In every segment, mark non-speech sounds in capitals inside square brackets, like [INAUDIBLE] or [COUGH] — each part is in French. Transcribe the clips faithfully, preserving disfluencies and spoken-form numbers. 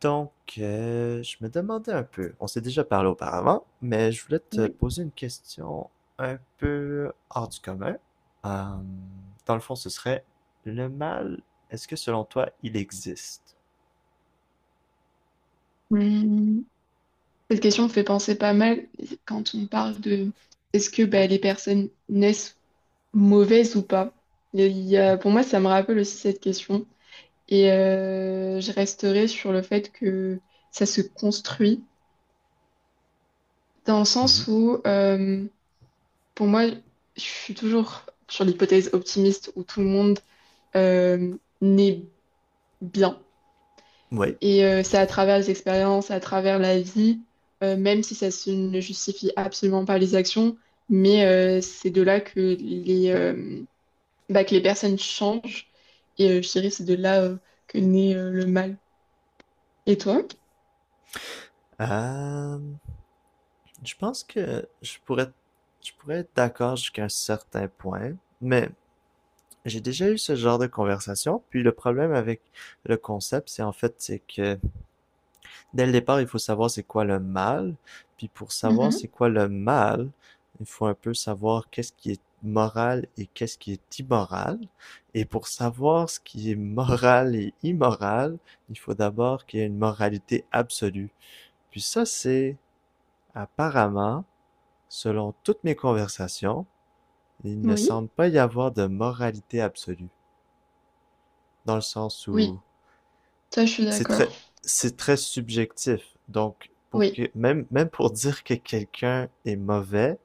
Donc, euh, je me demandais un peu, on s'est déjà parlé auparavant, mais je voulais te Oui. poser une question un peu hors du commun. Euh, Dans le fond, ce serait, le mal, est-ce que selon toi, il existe? Hmm. Cette question me fait penser pas mal quand on parle de est-ce que bah, les personnes naissent mauvaises ou pas? Il y a- pour moi, ça me rappelle aussi cette question. Et euh, je resterai sur le fait que ça se construit dans le Mhm. sens où euh, pour moi, je suis toujours sur l'hypothèse optimiste où tout le monde euh, naît bien. Oui. Et euh, c'est à travers les expériences, à travers la vie, euh, même si ça se- ne justifie absolument pas les actions, mais euh, c'est de là que les, euh, bah, que les personnes changent. Et euh, je dirais c'est de là euh, que naît euh, le mal. Et toi? Euh, je pense que je pourrais, je pourrais être d'accord jusqu'à un certain point, mais j'ai déjà eu ce genre de conversation, puis le problème avec le concept, c'est en fait, c'est que dès le départ, il faut savoir c'est quoi le mal. Puis pour savoir Mhm. c'est quoi le mal, il faut un peu savoir qu'est-ce qui est moral et qu'est-ce qui est immoral. Et pour savoir ce qui est moral et immoral, il faut d'abord qu'il y ait une moralité absolue. Puis ça, c'est apparemment, selon toutes mes conversations, il ne Oui. semble pas y avoir de moralité absolue. Dans le sens Oui, où ça je suis c'est d'accord. très, c'est très subjectif. Donc, pour Oui. que, même, même pour [LAUGHS] dire que quelqu'un est mauvais,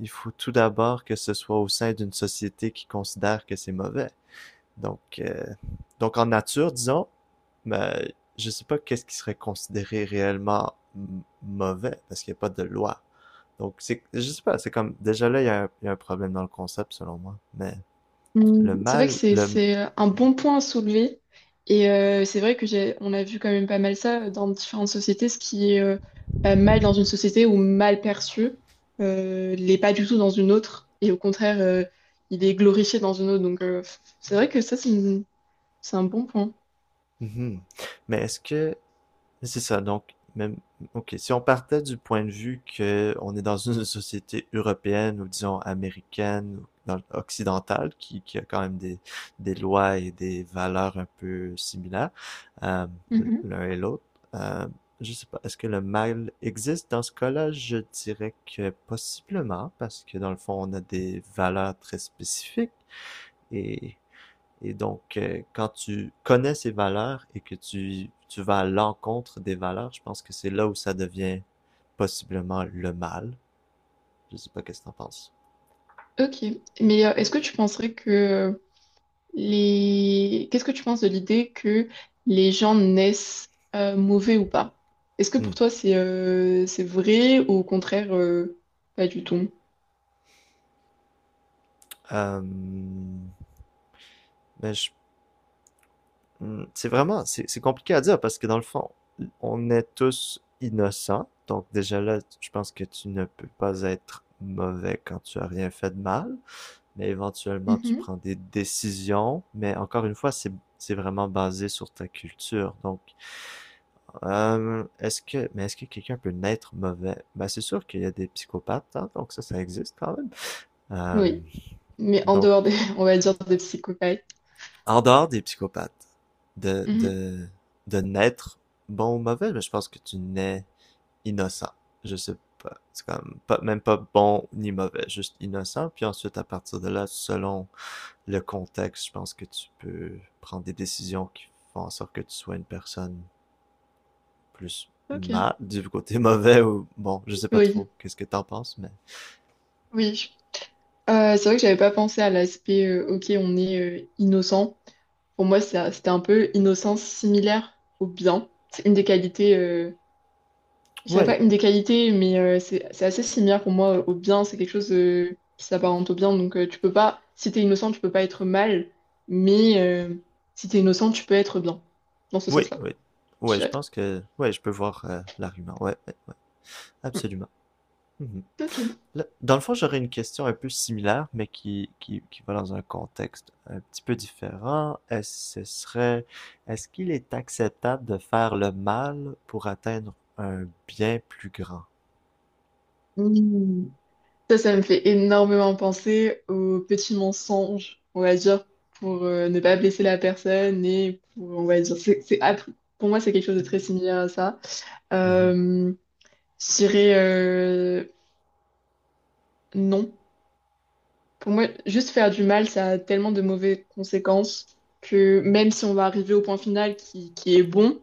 il faut tout d'abord que ce soit au sein d'une société qui considère que c'est mauvais. Donc, euh, donc en nature, disons, mais je sais pas qu'est-ce qui serait considéré réellement m- mauvais parce qu'il n'y a pas de loi. Donc, c'est, je sais pas, c'est comme, déjà là, il y, a un- il y a un problème dans le concept, selon moi. Mais Mm, le c'est vrai que mal, c'est le, c'est euh, un bon point à soulever et euh, c'est vrai que j'ai on a vu quand même pas mal ça dans différentes sociétés ce qui est euh, euh, mal dans une société ou mal perçu euh, l'est pas du tout dans une autre et au contraire euh, il est glorifié dans une autre donc euh, c'est vrai que ça c'est une- c'est un bon point. mhm. Mais est-ce que c'est ça, donc même OK, si on partait du point de vue que on est dans une [LAUGHS] société européenne ou disons américaine ou dans- occidentale qui, qui a quand même des, des lois et des valeurs un peu similaires, euh, Mhm. l'un et l'autre, euh, je sais pas, est-ce que le mal existe dans ce cas-là? Je dirais que possiblement, parce que dans le fond, on a des valeurs très spécifiques et et donc, euh, quand tu connais ces valeurs et que tu, tu vas à l'encontre des valeurs, je pense que c'est là où ça devient possiblement le mal. Je sais pas qu'est-ce que t'en penses. Ok, mais euh, est-ce que tu penserais que euh, les... qu'est-ce que tu penses de l'idée que les gens naissent euh, mauvais ou pas? Est-ce que Hmm. pour toi c'est euh, c'est vrai ou au contraire euh, pas du tout? Euh, mais je- hmm, c'est vraiment, c'est c'est compliqué à dire parce que dans le fond, on est tous innocents. Donc déjà là, je pense que tu ne peux pas être mauvais quand tu as rien fait de mal, mais éventuellement tu Mhm. prends des décisions. Mais encore une fois, c'est c'est vraiment basé sur ta culture. Donc Euh, est-ce que, mais est-ce que quelqu'un peut naître mauvais? Ben, c'est sûr qu'il y a des psychopathes, hein, donc ça, ça existe quand même. Euh, Oui, mais en donc, dehors des, [LAUGHS] on va dire des psychopathes. en dehors des psychopathes, de, Mhm. de, de naître bon ou mauvais, mais je pense que tu nais innocent. Je sais pas. C'est comme pas, même pas bon ni mauvais, juste innocent. Puis ensuite, à partir de là, selon le contexte, je pense que tu peux prendre des décisions qui font en sorte que tu sois une personne plus Ok, mal, du côté [LAUGHS] mauvais ou bon, je sais pas oui, trop qu'est-ce que t'en penses, mais oui. Euh, c'est vrai que j'avais pas pensé à l'aspect euh, ok, on est euh, innocent. Pour moi, ça- c'était un peu innocence similaire au bien. C'est une des qualités euh, je dirais oui, pas une des qualités, mais euh, c'est c'est assez similaire pour moi euh, au bien. C'est quelque chose euh, qui s'apparente au bien. Donc, euh, tu peux pas, si t'es innocent, tu peux pas être mal, mais euh, si t'es innocent, tu peux être bien. Dans ce oui, sens-là, oui, je oui je dirais. pense que oui je peux voir euh, l'argument, ouais, ouais, ouais, Mm. absolument. Mhm. Ok. Là, dans le fond, j'aurais une question un peu similaire, mais qui, qui, qui va dans un contexte un petit peu différent. Est-ce, ce serait, est-ce qu'il est acceptable de faire le mal pour atteindre un bien plus grand? Mm. Ça, ça me fait énormément penser aux petits mensonges, on va dire, pour euh, ne pas blesser la personne et pour, on va dire, c'est, c'est, app- pour moi, c'est quelque chose de très similaire à ça. Mhm, Euh, je dirais euh, non. Pour moi, juste faire du mal, ça a tellement de mauvaises conséquences que même si on va arriver au point final qui, qui est bon,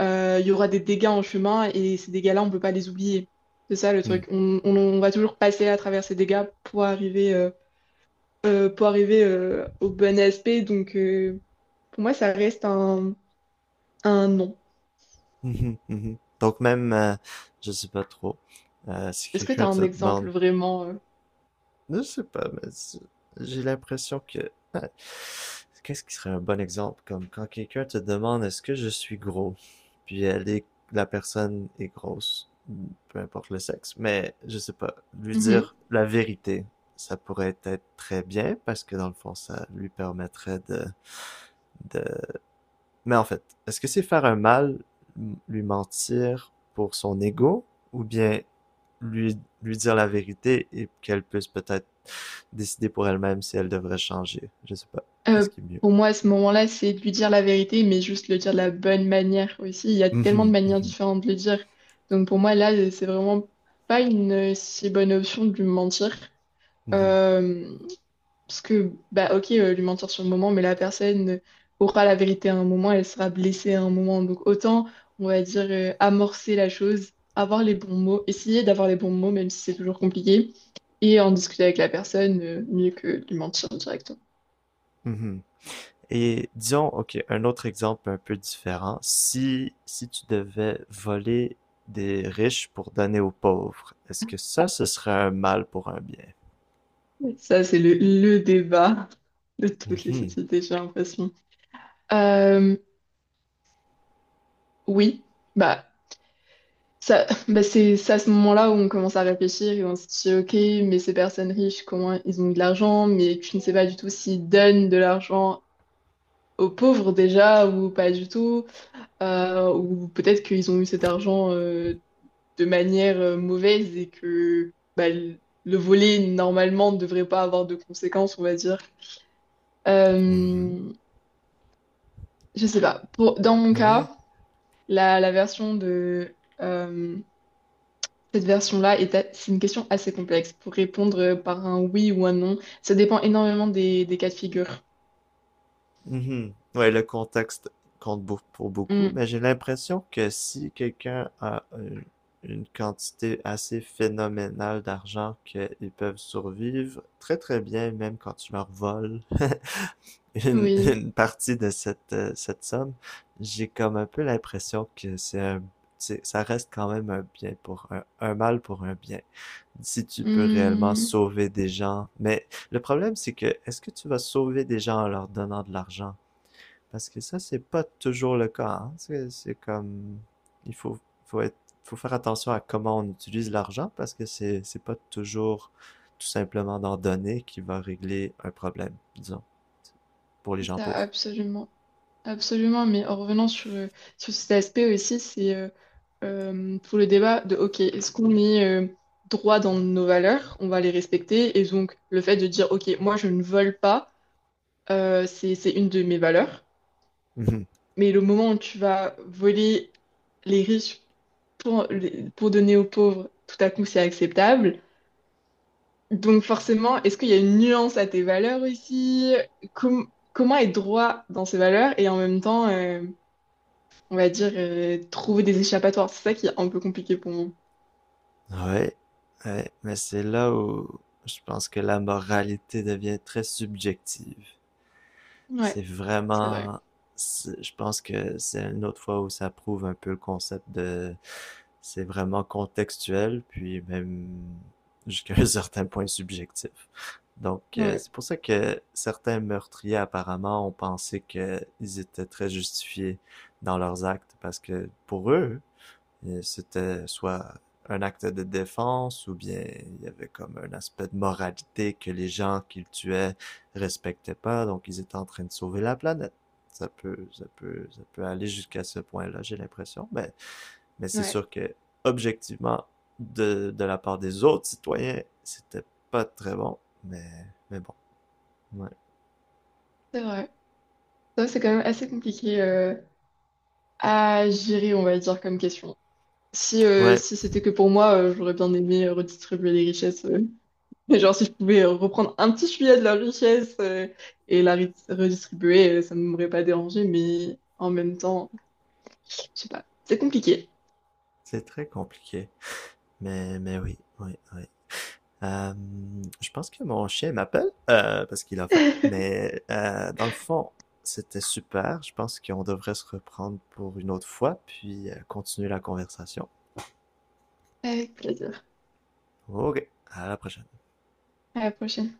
euh, il y aura des dégâts en chemin et ces dégâts-là, on ne peut pas les oublier. C'est ça le mhm, truc. On, on- on va toujours passer à travers ces dégâts pour arriver, euh, euh, pour arriver euh, au bon aspect. Donc, euh, pour moi, ça reste un, un non. mhm, mhm. Donc même, euh, je sais pas trop, euh, si Est-ce que tu quelqu'un as un te demande exemple vraiment je sais pas, mais j'ai l'impression que... Ah. Qu'est-ce qui serait un bon exemple? Comme quand quelqu'un te demande est-ce que je suis gros? Puis elle est... la personne est grosse, peu importe le sexe, mais je sais pas, lui euh, dire la vérité, ça pourrait être très bien parce que dans le fond, ça lui permettrait de, de mais en fait, est-ce que c'est faire un mal, lui mentir pour son ego, ou bien lui, lui dire la vérité et qu'elle puisse peut-être décider pour elle-même si elle devrait changer? Je sais pas. Euh, Qu'est-ce qui est mieux? pour moi, à ce moment-là, c'est de lui dire la vérité, mais juste le dire de la bonne manière aussi. Il y a tellement de Mhm, manières mhm, différentes de le dire. Donc pour moi, là, c'est vraiment pas une euh, si bonne option de lui mentir. mhm, Euh, Parce que, bah ok, euh, lui mentir sur le moment, mais la personne aura la vérité à un moment, elle sera blessée à un moment. Donc autant, on va dire, euh, amorcer la chose, avoir les bons mots, essayer d'avoir les bons mots, même si c'est toujours compliqué, et en discuter avec la personne, euh, mieux que de lui mentir directement. mhm. Et disons, ok, un autre exemple un peu différent. Si, si tu devais voler des riches pour donner aux pauvres, est-ce que ça, ce serait un mal pour un bien? Ça, c'est le, le débat de toutes les Mhm, sociétés, j'ai l'impression. Euh, oui, bah, ça, bah c'est c'est à ce moment-là où on commence à réfléchir et on se dit, ok, mais ces personnes riches, comment ils ont de l'argent? Mais tu ne sais pas du tout s'ils donnent de l'argent aux pauvres déjà ou pas du tout. Euh, ou peut-être qu'ils ont eu cet argent euh, de manière euh, mauvaise et que bah, le le voler, normalement, ne devrait pas avoir de conséquences, on va dire. mhm. Euh, Je sais pas. Pour, dans mon Ouais, cas, la, la version de euh, cette version-là est, a- c'est une question assez complexe pour répondre euh, par un oui ou un non. Ça dépend énormément des, des cas de figure. mhm. Ouais, le contexte compte beau- pour beaucoup, Hmm, mais j'ai l'impression que si quelqu'un a une, une quantité assez phénoménale d'argent qu'ils peuvent survivre très très bien, même quand tu leur voles [LAUGHS] une, oui. une partie de cette, euh, cette somme, j'ai comme un peu l'impression que c'est un, c'est- ça reste quand même un bien pour un, un mal pour un bien. Si tu peux réellement Hmm, sauver des gens, mais le problème c'est que est-ce que tu vas sauver des gens en leur donnant de l'argent? Parce que ça, c'est pas toujours le cas, hein. C'est c'est comme, il faut, faut être, faut faire attention à comment on utilise l'argent parce que c'est, c'est pas toujours tout simplement d'en donner qui va régler un problème, disons, pour les gens ça, pauvres. absolument. Absolument. Mais en revenant sur, euh, sur cet aspect aussi, c'est euh, euh, tout le débat de ok, est-ce qu'on est euh, droit dans nos valeurs? On va les respecter. Et donc, le fait de dire ok, moi je ne vole pas, euh, c'est c'est une de mes valeurs. [LAUGHS] Mais le moment où tu vas voler les riches pour, les- pour donner aux pauvres, tout à coup, c'est acceptable. Donc forcément, est-ce qu'il y a une nuance à tes valeurs aussi? Com- comment être droit dans ses valeurs et en même temps, euh, on va dire, euh, trouver des échappatoires? C'est ça qui est un peu compliqué pour moi. Ouais, ouais, mais c'est là où je pense que la moralité devient très subjective. C'est Ouais, c'est vrai. vraiment, c'est, je pense que c'est une autre fois où ça prouve un peu le concept de, c'est vraiment contextuel, puis même jusqu'à un [LAUGHS] certain point subjectif. Donc, euh, Ouais, c'est pour ça que certains meurtriers, apparemment, ont pensé qu'ils étaient très justifiés dans leurs actes, parce que pour eux, euh, c'était soit un acte de défense ou bien il y avait comme un aspect de moralité que les gens qu'ils tuaient respectaient pas, donc ils étaient en train de sauver la planète. Ça peut, ça peut, ça peut aller jusqu'à ce point-là, j'ai l'impression, mais, mais c'est ouais, sûr que objectivement, de, de la part des autres citoyens, c'était pas très bon, mais, mais bon, ouais. c'est vrai. Ça, c'est quand même assez compliqué euh, à gérer, on va dire, comme question. Si, euh, Ouais, si c'était que pour moi, euh, j'aurais bien aimé redistribuer les richesses. Mais genre, si je pouvais euh, reprendre un petit filet de leur richesse euh, et la ri- redistribuer, euh, ça ne m'aurait pas dérangé, mais en même temps, je sais pas, c'est compliqué. c'est très compliqué, mais, mais oui, oui, oui. Euh, je pense que mon chien m'appelle euh, parce qu'il a faim, mais euh, dans le fond, c'était super. Je pense qu'on devrait se reprendre pour une autre fois, puis euh, continuer la conversation. Avec plaisir. Ok, à la prochaine. À la prochaine.